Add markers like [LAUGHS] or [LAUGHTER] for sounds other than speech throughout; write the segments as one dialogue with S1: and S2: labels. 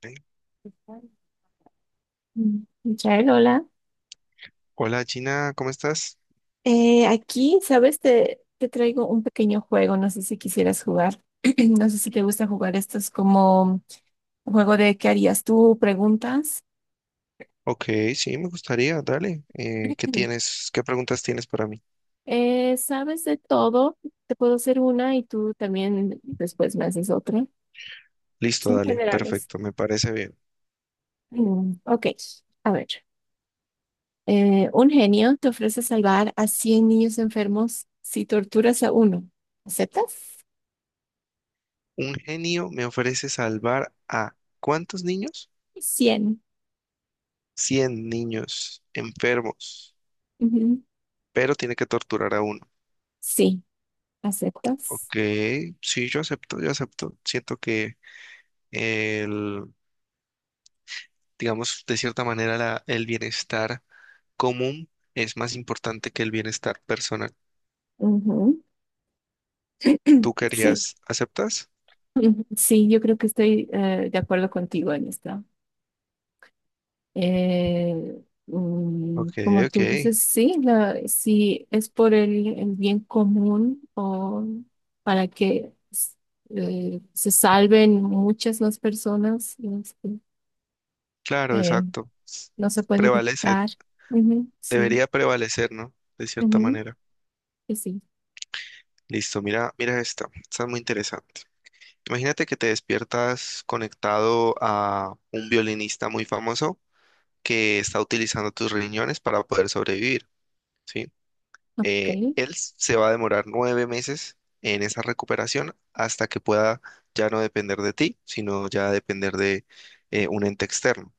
S1: Dale.
S2: Mm. Michael, hola.
S1: Hola Gina, ¿cómo estás?
S2: Aquí, ¿sabes? Te traigo un pequeño juego, no sé si quisieras jugar. [CLEARS THROAT] No sé si te gusta jugar estos como juego de ¿qué harías tú? Preguntas.
S1: Ok, sí, me gustaría, dale. ¿Qué
S2: [CLEARS THROAT]
S1: tienes? ¿Qué preguntas tienes para mí?
S2: ¿Sabes de todo? Te puedo hacer una y tú también después me haces otra.
S1: Listo,
S2: Son
S1: dale,
S2: generales.
S1: perfecto, me parece bien.
S2: Ok, a ver. Un genio te ofrece salvar a 100 niños enfermos si torturas a uno. ¿Aceptas?
S1: Un genio me ofrece salvar a ¿cuántos niños?
S2: 100.
S1: 100 niños enfermos, pero tiene que torturar a uno.
S2: Sí, ¿aceptas?
S1: Ok, sí, yo acepto, yo acepto. Siento que el, digamos, de cierta manera el bienestar común es más importante que el bienestar personal.
S2: Ujú.
S1: ¿Tú
S2: Sí,
S1: querías, aceptas?
S2: sí, yo creo que estoy de acuerdo contigo en esto. Eh,
S1: Ok,
S2: Como
S1: ok,
S2: tú dices, sí, si es por el bien común o para que se salven muchas más personas, este,
S1: claro,
S2: eh,
S1: exacto.
S2: no se puede
S1: Prevalece,
S2: evitar. Ujú, sí.
S1: debería prevalecer, ¿no? De cierta
S2: Ujú,
S1: manera.
S2: que sí.
S1: Listo, mira, mira esta es muy interesante. Imagínate que te despiertas conectado a un violinista muy famoso que está utilizando tus riñones para poder sobrevivir, ¿sí?
S2: Ok.
S1: Él se va a demorar 9 meses en esa recuperación hasta que pueda ya no depender de ti, sino ya depender de un ente externo.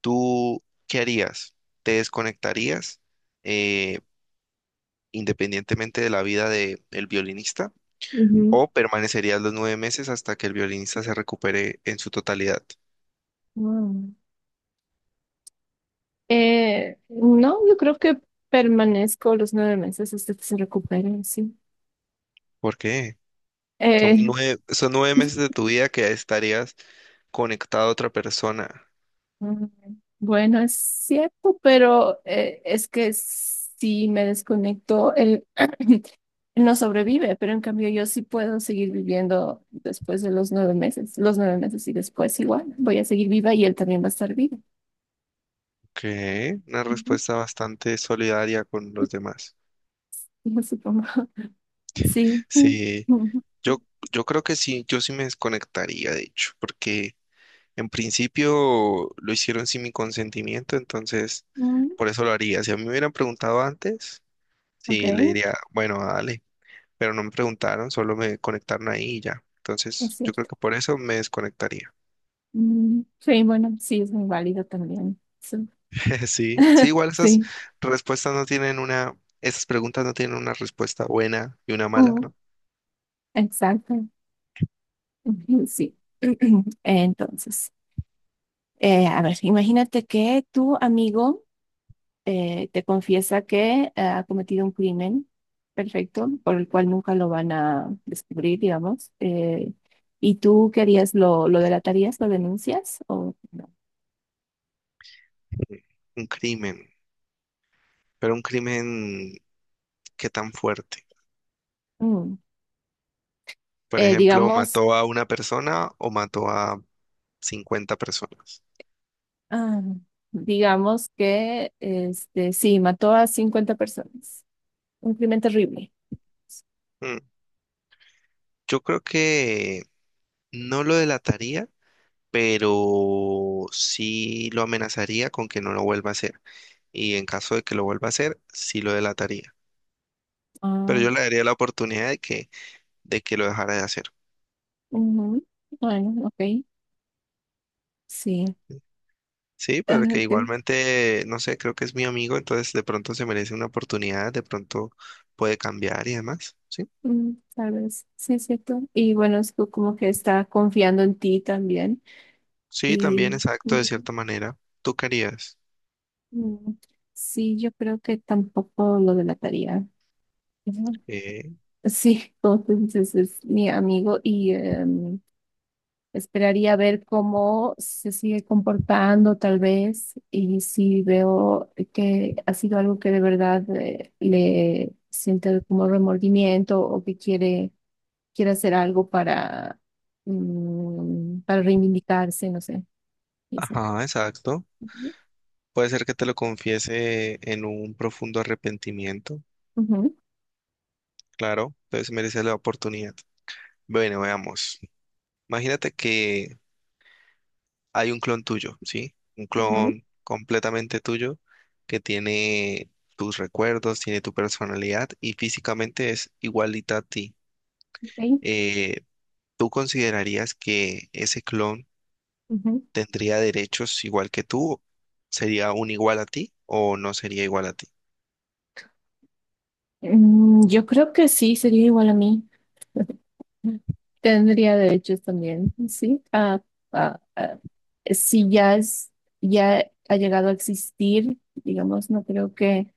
S1: ¿Tú qué harías? ¿Te desconectarías eh, independientemente de la vida del violinista
S2: Ujú,
S1: o permanecerías los 9 meses hasta que el violinista se recupere en su totalidad?
S2: wow. No, yo creo que permanezco los 9 meses hasta que se recupere, sí.
S1: ¿Por qué? Son
S2: Eh,
S1: nueve, son nueve meses de tu vida que estarías conectado a otra persona.
S2: mm, bueno, es cierto, pero es que si me desconecto, [CLEARS THROAT] él no sobrevive, pero en cambio yo sí puedo seguir viviendo después de los 9 meses, los 9 meses y después igual, voy a seguir viva y él también va a estar vivo.
S1: Ok, una
S2: Ujú.
S1: respuesta bastante solidaria con los demás.
S2: Yo supongo, [LAUGHS] sí.
S1: Sí,
S2: Mm, mm,
S1: yo, yo creo que sí, yo sí me desconectaría, de hecho, porque en principio lo hicieron sin mi consentimiento, entonces
S2: mm,
S1: por eso lo haría. Si a mí me hubieran preguntado antes,
S2: Ok,
S1: sí, le diría, bueno, dale, pero no me preguntaron, solo me conectaron ahí y ya.
S2: es
S1: Entonces yo creo
S2: cierto.
S1: que por eso me desconectaría.
S2: Mm, sí, bueno, sí, es muy válido también. Sí,
S1: [LAUGHS] Sí, sí, igual
S2: [LAUGHS]
S1: esas
S2: sí,
S1: respuestas no tienen una, esas preguntas no tienen una respuesta buena y una mala,
S2: mm,
S1: ¿no?
S2: exacto. Ujú, sí. [CLEARS THROAT] Entonces, a ver, imagínate que tu amigo te confiesa que ha cometido un crimen, perfecto, por el cual nunca lo van a descubrir, digamos. ¿Y tú querías lo delatarías, lo denuncias o no?
S1: Sí. Un crimen, pero un crimen qué tan fuerte.
S2: Mm,
S1: Por ejemplo,
S2: digamos...
S1: mató a una persona o mató a 50 personas.
S2: Ah, digamos que este, sí, mató a 50 personas. Un crimen terrible.
S1: Mm. Yo creo que no lo delataría, pero sí lo amenazaría con que no lo vuelva a hacer. Y en caso de que lo vuelva a hacer, sí lo delataría. Pero
S2: Ah,
S1: yo le daría la oportunidad de que, lo dejara de hacer.
S2: ujú. Bueno, ok, sí.
S1: Sí,
S2: Ah,
S1: pero que
S2: ok,
S1: igualmente, no sé, creo que es mi amigo, entonces de pronto se merece una oportunidad, de pronto puede cambiar y demás. Sí,
S2: tal vez, sí es cierto. Y bueno, es como que está confiando en ti también.
S1: sí,
S2: Y,
S1: también exacto, de
S2: ujú,
S1: cierta manera. ¿Tú querías?
S2: mm, sí, yo creo que tampoco lo delataría. Ujú.
S1: Eh,
S2: Sí, [LAUGHS] como tú dices, es mi amigo y esperaría ver cómo se sigue comportando tal vez y si veo que ha sido algo que de verdad le siente como remordimiento o que quiere hacer algo para reivindicarse, no sé, pienso.
S1: ajá, exacto.
S2: Ujú,
S1: Puede ser que te lo confiese en un profundo arrepentimiento,
S2: ujú,
S1: claro, entonces mereces la oportunidad. Bueno, veamos. Imagínate que hay un clon tuyo, ¿sí? Un
S2: ujú,
S1: clon completamente tuyo que tiene tus recuerdos, tiene tu personalidad y físicamente es igualita a ti.
S2: ok,
S1: Eh, ¿Tú considerarías que ese clon
S2: ujú.
S1: tendría derechos igual que tú? ¿Sería un igual a ti o no sería igual a ti?
S2: Yo creo que sí, sería igual a mí. Tendría derechos también, sí. Ah, ah, Si ya ha llegado a existir, digamos, no creo que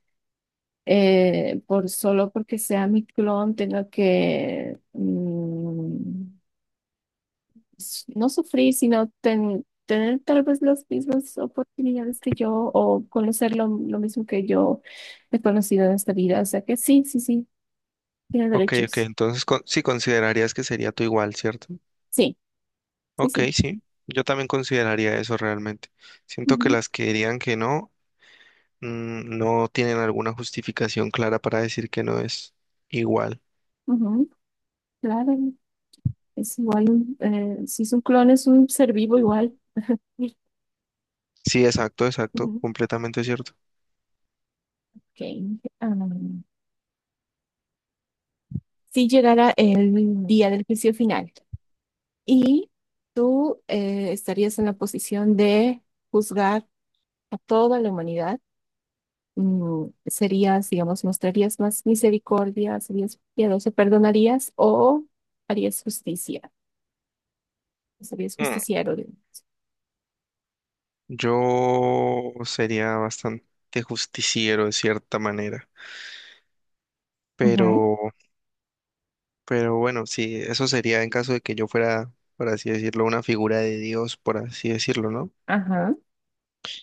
S2: por solo porque sea mi clon tenga que no sufrir, sino tener tal vez las mismas oportunidades que yo o conocer lo mismo que yo he conocido en esta vida. O sea que sí, sí, sí, tiene
S1: Ok, ok,
S2: derechos.
S1: entonces sí considerarías que sería tú igual, ¿cierto?
S2: Sí, sí,
S1: Ok,
S2: sí.
S1: sí, yo también consideraría eso realmente. Siento que
S2: Ujú,
S1: las que dirían que no, no tienen alguna justificación clara para decir que no es igual.
S2: ujú, claro. Es igual, si es un clon, es un ser vivo igual.
S1: Sí, exacto, exacto,
S2: Ujú.
S1: completamente cierto.
S2: Ok. Am, si llegara el día del juicio final y tú estarías en la posición de juzgar a toda la humanidad, serías, digamos, mostrarías más misericordia, serías piadoso, perdonarías o harías justicia, serías
S1: Mm,
S2: justiciero.
S1: Yo sería bastante justiciero de cierta manera,
S2: Ujú,
S1: pero, pero, bueno, sí, eso sería en caso de que yo fuera, por así decirlo, una figura de Dios, por así decirlo, ¿no?
S2: ajá,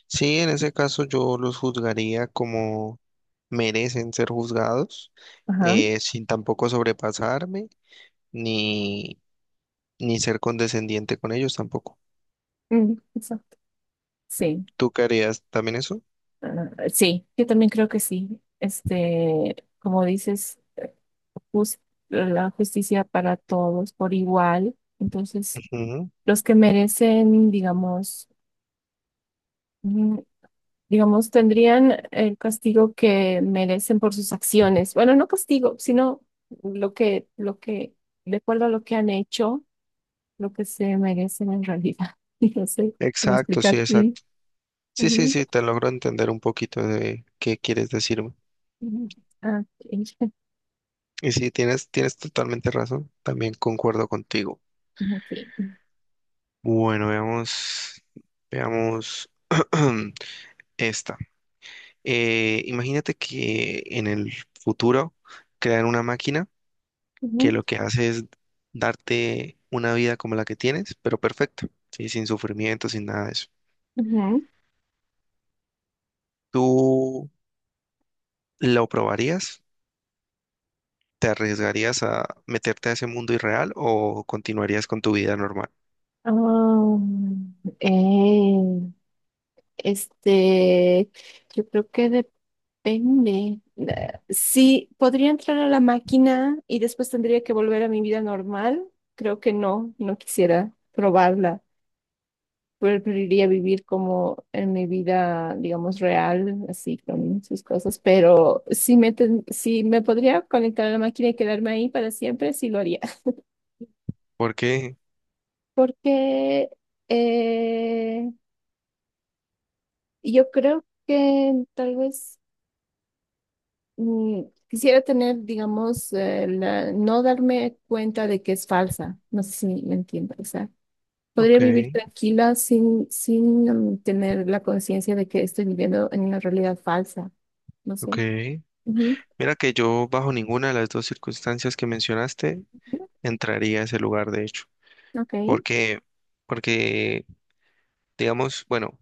S1: Sí, en ese caso yo los juzgaría como merecen ser juzgados,
S2: ajá.
S1: sin tampoco sobrepasarme ni, ni ser condescendiente con ellos tampoco.
S2: Mm, exacto. Sí.
S1: ¿Tú qué harías también eso?
S2: Ah, sí, yo también creo que sí. Este, como dices, jus- la justicia para todos por igual. Entonces,
S1: Ujú.
S2: los que merecen, digamos, mm, digamos, tendrían el castigo que merecen por sus acciones. Bueno, no castigo, sino lo que, de acuerdo a lo que han hecho, lo que se merecen en realidad. [LAUGHS] Y no sé cómo
S1: Exacto, sí,
S2: explicar. Mm,
S1: exacto. Sí, sí,
S2: ujú,
S1: sí, te logro entender un poquito de qué quieres decirme.
S2: ujú. Ah, ok. [LAUGHS]
S1: Y sí, tienes totalmente razón, también concuerdo contigo.
S2: Ujú, sí.
S1: Bueno, veamos, veamos [CLEARS THROAT] esta. Imagínate que en el futuro crean una máquina que
S2: Ujú,
S1: lo que hace es darte una vida como la que tienes, pero perfecta, ¿sí? Sin sufrimiento, sin nada de eso.
S2: ujú.
S1: ¿Tú lo probarías? ¿Te arriesgarías a meterte a ese mundo irreal o continuarías con tu vida normal?
S2: Ah, eh, este, yo creo que depende. Sí, podría entrar a la máquina y después tendría que volver a mi vida normal. Creo que no, no quisiera probarla. Preferiría vivir como en mi vida, digamos, real, así con sus cosas. Pero si me podría conectar a la máquina y quedarme ahí para siempre, sí lo haría. [LAUGHS]
S1: Porque,
S2: Porque eh, Y yo creo que tal vez mm, quisiera tener, digamos, no darme cuenta de que es falsa. No sé si me entiendo. O sea,
S1: ok,
S2: podría vivir tranquila sin tener la conciencia de que estoy viviendo en una realidad falsa. No
S1: ok.
S2: sé. Ujú.
S1: Mira que yo bajo ninguna de las dos circunstancias que mencionaste entraría a ese lugar, de hecho.
S2: Ok.
S1: Porque, porque digamos, bueno.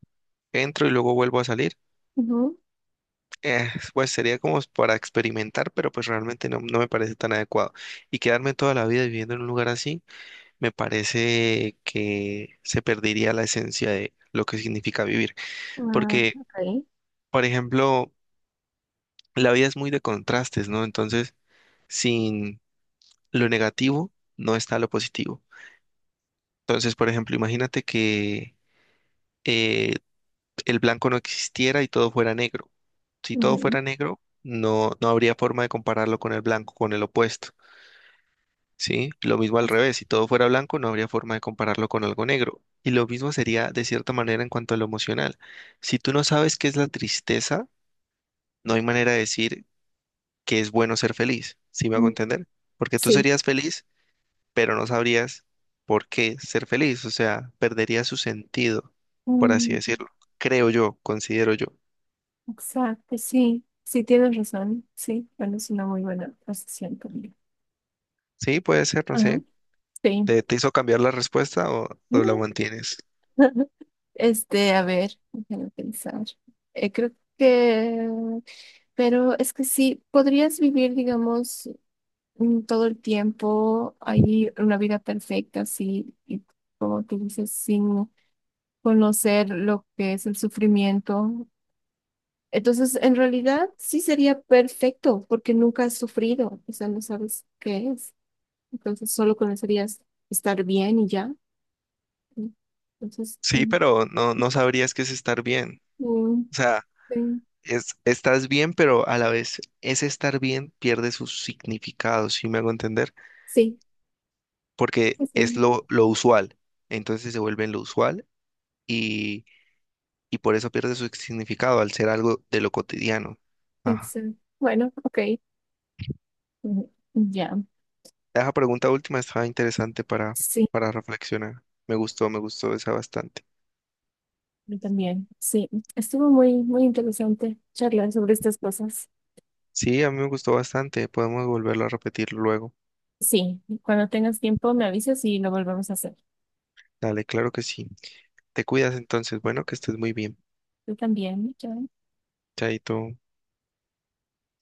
S1: Entro y luego vuelvo a salir.
S2: Ujú.
S1: Eh, [LAUGHS] pues sería como para experimentar, pero pues realmente no, no me parece tan adecuado. Y quedarme toda la vida viviendo en un lugar así, me parece que se perdería la esencia de lo que significa vivir.
S2: Ah,
S1: Porque,
S2: ok.
S1: por ejemplo, la vida es muy de contrastes, ¿no? Entonces, sin lo negativo, no está lo positivo. Entonces, por ejemplo, imagínate que eh, el blanco no existiera y todo fuera negro. Si todo
S2: Ujú.
S1: fuera negro, no, no habría forma de compararlo con el blanco, con el opuesto, ¿sí? Lo mismo al
S2: Así.
S1: revés, si todo fuera blanco, no habría forma de compararlo con algo negro. Y lo mismo sería de cierta manera en cuanto a lo emocional. Si tú no sabes qué es la tristeza, no hay manera de decir que es bueno ser feliz, ¿sí me hago
S2: Mm,
S1: entender? Porque tú
S2: sí.
S1: serías feliz, pero no sabrías por qué ser feliz, o sea, perdería su sentido, por así
S2: Mm,
S1: decirlo. Creo yo, considero yo.
S2: exacto, sí. Sí, tienes razón. Sí, bueno, es una muy buena posición también.
S1: Sí, puede ser, no
S2: Ajá.
S1: sé.
S2: Sí.
S1: ¿Te hizo cambiar la respuesta o la mantienes?
S2: Este, a ver, déjame pensar. Creo que, pero es que sí, podrías vivir, digamos, todo el tiempo ahí una vida perfecta, sí, y como tú dices, sin conocer lo que es el sufrimiento. Entonces, en realidad, sí sería perfecto, porque nunca has sufrido, o sea, no sabes qué es. Entonces, solo conocerías estar bien y ya. Entonces,
S1: Sí,
S2: mm,
S1: pero no, no sabrías qué es estar bien.
S2: mm,
S1: O sea, estás bien, pero a la vez ese estar bien pierde su significado, ¿si me hago entender?
S2: sí,
S1: Porque es
S2: sí.
S1: lo usual. Entonces se vuelve lo usual y, y por eso pierde su significado al ser algo de lo cotidiano. Ajá.
S2: Excel. Bueno, ok. Ujú, ya,
S1: Esa pregunta última estaba interesante para,
S2: sí,
S1: para reflexionar. Me gustó esa bastante.
S2: yo también. Sí, estuvo muy, muy interesante charlar sobre estas cosas.
S1: Sí, a mí me gustó bastante. Podemos volverlo a repetir luego.
S2: Sí, cuando tengas tiempo me avisas y lo volvemos a hacer.
S1: Dale, claro que sí. Te cuidas entonces. Bueno, que estés muy bien.
S2: Tú también. Chao.
S1: Chaito.